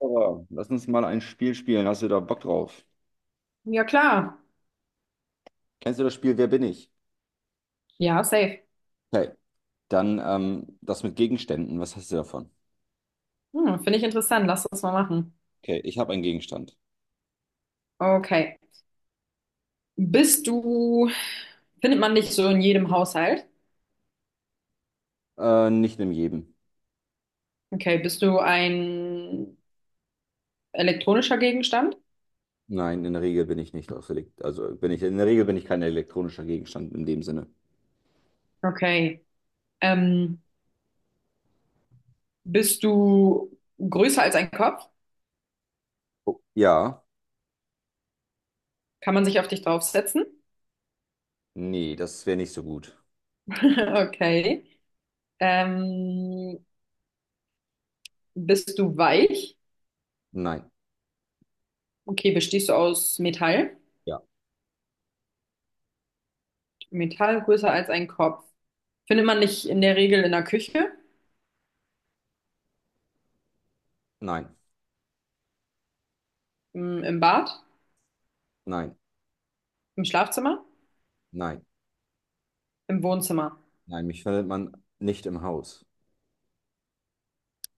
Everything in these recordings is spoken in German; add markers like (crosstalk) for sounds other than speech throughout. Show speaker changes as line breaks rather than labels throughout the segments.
Aber lass uns mal ein Spiel spielen. Hast du da Bock drauf?
Ja, klar.
Kennst du das Spiel Wer bin ich?
Ja, safe.
Okay. Dann das mit Gegenständen. Was hast du davon?
Finde ich interessant. Lass das mal machen.
Okay, ich habe einen Gegenstand.
Okay. Bist du, Findet man dich so in jedem Haushalt?
Nicht in jedem.
Okay. Bist du ein elektronischer Gegenstand?
Nein, in der Regel bin ich nicht aus Elekt also bin ich kein elektronischer Gegenstand in dem Sinne.
Okay. Ähm, Bist du größer als ein Kopf?
Oh, ja,
Kann man sich auf dich draufsetzen? (laughs)
nee, das wäre nicht so gut.
Okay. Ähm, Bist du weich?
Nein,
Okay. Bestehst du aus Metall?
ja,
Metall größer als ein Kopf. Findet man dich in der Regel in der Küche,
nein,
im Bad,
nein,
im Schlafzimmer?
nein,
Im Wohnzimmer.
nein. Mich findet man nicht im Haus.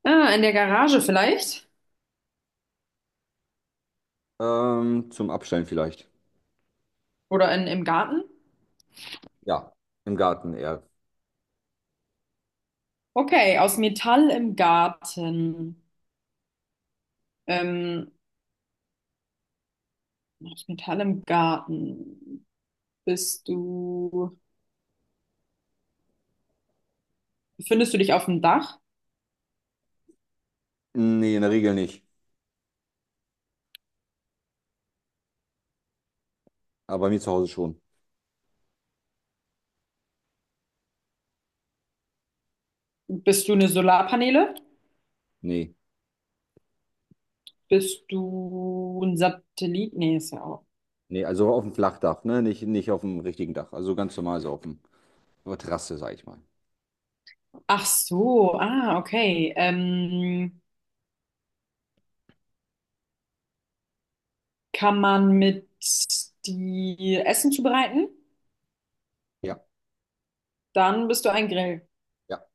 Ah, in der Garage vielleicht?
Zum Abstellen vielleicht.
Oder im Garten?
Ja, im Garten eher.
Okay, aus Metall im Garten. Ähm, Aus Metall im Garten. Bist du, Befindest du dich auf dem Dach?
Nee, in der Regel nicht. Aber bei mir zu Hause schon.
Bist du eine Solarpaneele?
Nee,
Bist du ein Satellit? Nee, ist ja auch.
nee, also auf dem Flachdach, ne? Nicht auf dem richtigen Dach. Also ganz normal so auf dem, auf der Terrasse, sag ich mal.
Ach so, ah, okay. Kann man mit die Essen zubereiten?
Ja,
Dann bist du ein Grill.
ja,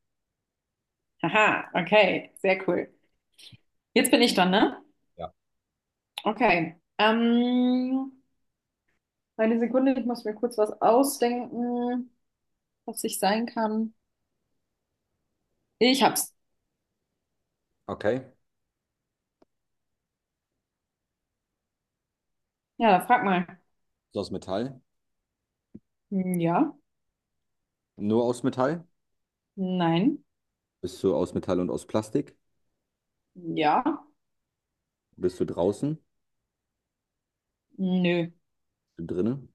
Haha, okay, sehr cool. Jetzt bin ich dran, ne?
ja.
Okay. Eine Sekunde, ich muss mir kurz was ausdenken, was ich sein kann. Ich hab's.
Okay.
Ja, frag mal.
Ist aus Metall.
Hm, ja,
Nur aus Metall?
nein,
Bist du aus Metall und aus Plastik?
ja,
Bist du draußen?
nö.
Bist du drinnen?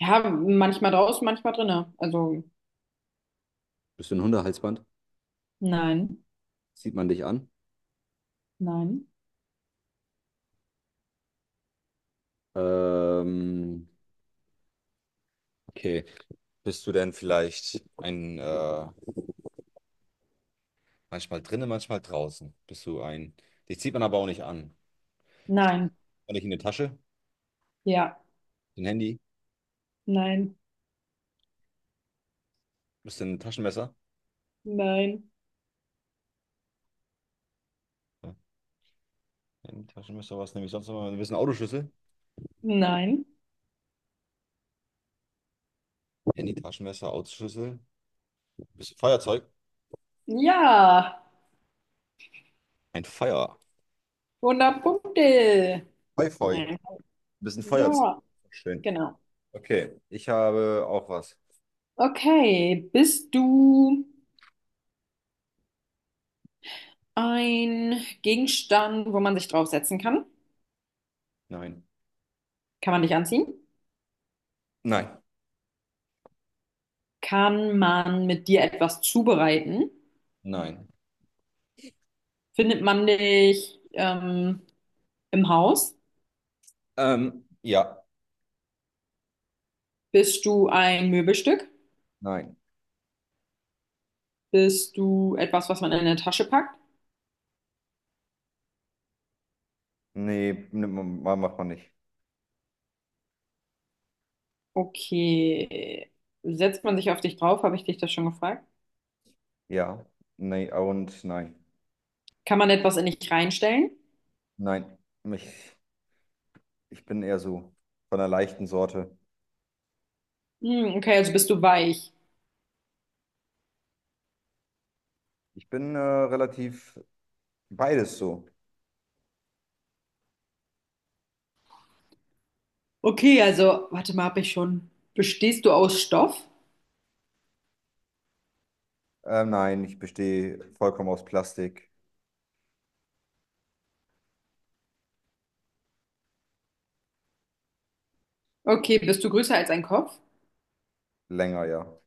Ja, manchmal draußen, manchmal drinne. Also,
Bist du ein Hundehalsband?
nein,
Sieht man dich an?
nein,
Ähm, okay. Bist du denn vielleicht ein, manchmal drinnen, manchmal draußen? Bist du ein, dich zieht man aber auch nicht an. Steckt
nein,
man dich in eine Tasche?
ja,
Ein Handy?
nein,
Bist du ein Taschenmesser?
nein,
Handy-Taschenmesser, was nehme ich sonst noch? Du bist ein Autoschlüssel.
nein,
Handy-Taschenmesser, Autoschlüssel. Du bist Feuerzeug.
ja.
Ein Feuer.
100 Punkte.
Feu, feu. Du
Nein.
bist Feuerzeug.
Ja,
Schön.
genau.
Okay. Ich habe auch was.
Okay, bist du ein Gegenstand, wo man sich draufsetzen kann.
Nein.
Kann man dich anziehen?
Nein.
Kann man mit dir etwas zubereiten?
Nein.
Findet man dich im Haus?
Ja.
Bist du ein Möbelstück?
Nein.
Bist du etwas, was man in eine Tasche packt?
Nee, nimmt man- ma- macht man nicht.
Okay. Setzt man sich auf dich drauf? Habe ich dich das schon gefragt?
Ja. Nee, und nein.
Kann man etwas in dich reinstellen?
Nein. Ich, ich bin eher so von der leichten Sorte.
Hm, okay, also bist du weich.
Ich bin relativ beides so.
Okay, also, warte mal, habe ich schon. Bestehst du aus Stoff?
Nein, ich bestehe vollkommen aus Plastik.
Okay, bist du größer als ein Kopf?
Länger, ja.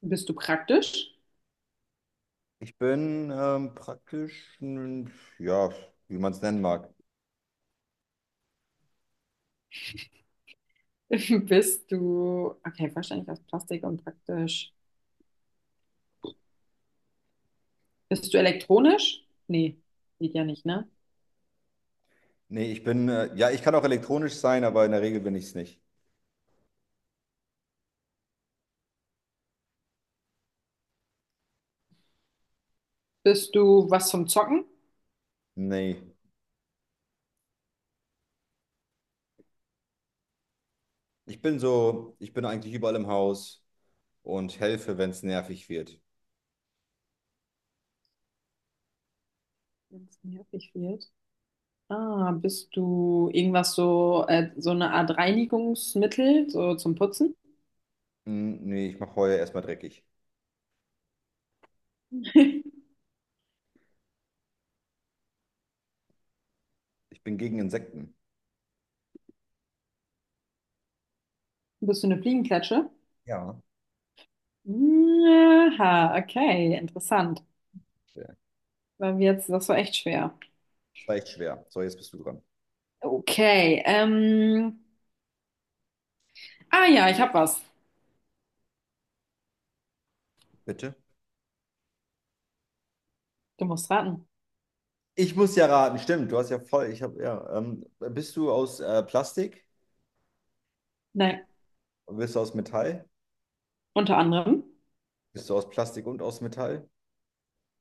Bist du praktisch?
Ich bin praktisch, n- ja, wie man es nennen mag.
(laughs) Okay, wahrscheinlich aus Plastik und praktisch. Bist du elektronisch? Nee, geht ja nicht, ne?
Nee, ich bin, ja, ich kann auch elektronisch sein, aber in der Regel bin ich es nicht.
Bist du was zum Zocken?
Nee, ich bin so, ich bin eigentlich überall im Haus und helfe, wenn es nervig wird.
Wenn es nervig wird. Ah, bist du irgendwas so, so eine Art Reinigungsmittel, so zum Putzen?
Hm, nee, ich mache Heuer erstmal dreckig.
(laughs)
Ich bin gegen Insekten.
Bist du eine Fliegenklatsche?
Ja.
Aha, okay, interessant.
Ja,
Das war echt schwer.
das war echt schwer. So, jetzt bist du dran.
Okay, ah ja, ich hab was.
Bitte?
Du musst raten.
Ich muss ja raten, stimmt, du hast ja voll, ich habe, ja, bist du aus Plastik?
Nein,
Bist du aus Metall?
unter anderem.
Bist du aus Plastik und aus Metall?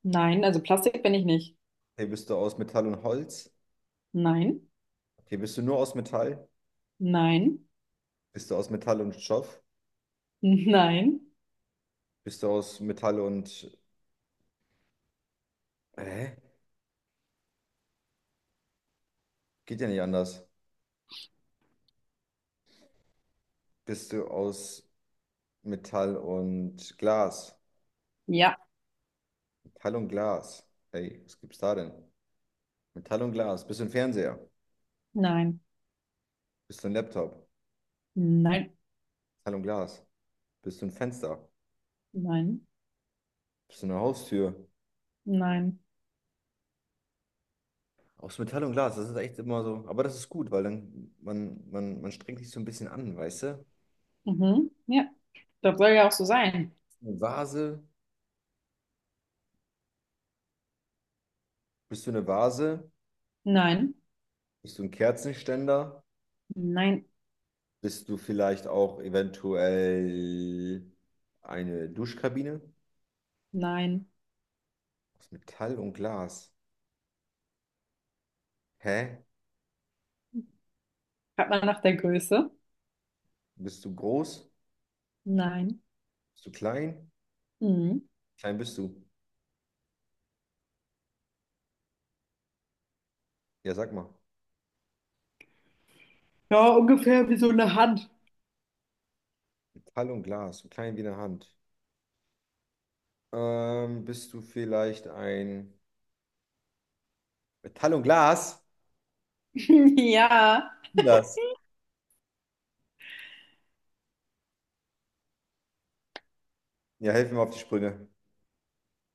Nein, also Plastik bin ich nicht.
Hey, bist du aus Metall und Holz?
Nein,
Okay, bist du nur aus Metall?
nein,
Bist du aus Metall und Stoff?
nein,
Bist du aus Metall und... Hä? Geht ja nicht anders. Bist du aus Metall und Glas?
ja,
Metall und Glas. Ey, was gibt's da denn? Metall und Glas. Bist du ein Fernseher?
nein,
Bist du ein Laptop?
nein,
Metall und Glas. Bist du ein Fenster?
nein,
Bist du eine Haustür?
nein.
Aus Metall und Glas, das ist echt immer so. Aber das ist gut, weil dann man strengt sich so ein bisschen an, weißt du?
Mhm, ja, das soll ja auch so sein.
Eine Vase? Bist du eine Vase?
Nein,
Bist du ein Kerzenständer?
nein,
Bist du vielleicht auch eventuell eine Duschkabine
nein.
aus Metall und Glas? Hä?
Hat man nach der Größe?
Bist du groß?
Nein.
Bist du klein?
Mhm.
Klein bist du. Ja, sag mal.
Ja, ungefähr wie so eine Hand.
Metall und Glas, so klein wie eine Hand. Bist du vielleicht ein Metall und Glas?
(laughs) Ja,
Das. Ja, helf mir mal auf die Sprünge.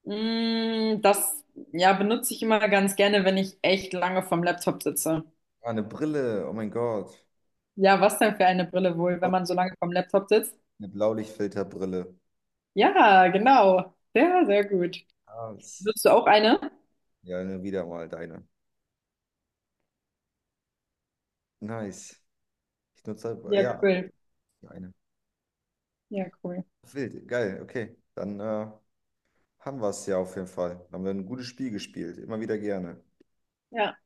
das ja, benutze ich immer ganz gerne, wenn ich echt lange vom Laptop sitze.
Ah, eine Brille. Oh mein Gott.
Ja, was denn für eine Brille wohl, wenn man so lange vom Laptop sitzt?
Eine Blaulichtfilterbrille.
Ja, genau. Sehr, sehr gut.
Ah, das-
Benutzt du auch eine?
Ja, nur wieder mal deine. Nice. Ich nutze,
Ja,
ja,
cool.
eine.
Ja, cool.
Wild, geil, okay. Dann haben wir es ja auf jeden Fall. Haben wir ein gutes Spiel gespielt. Immer wieder gerne.
Ja.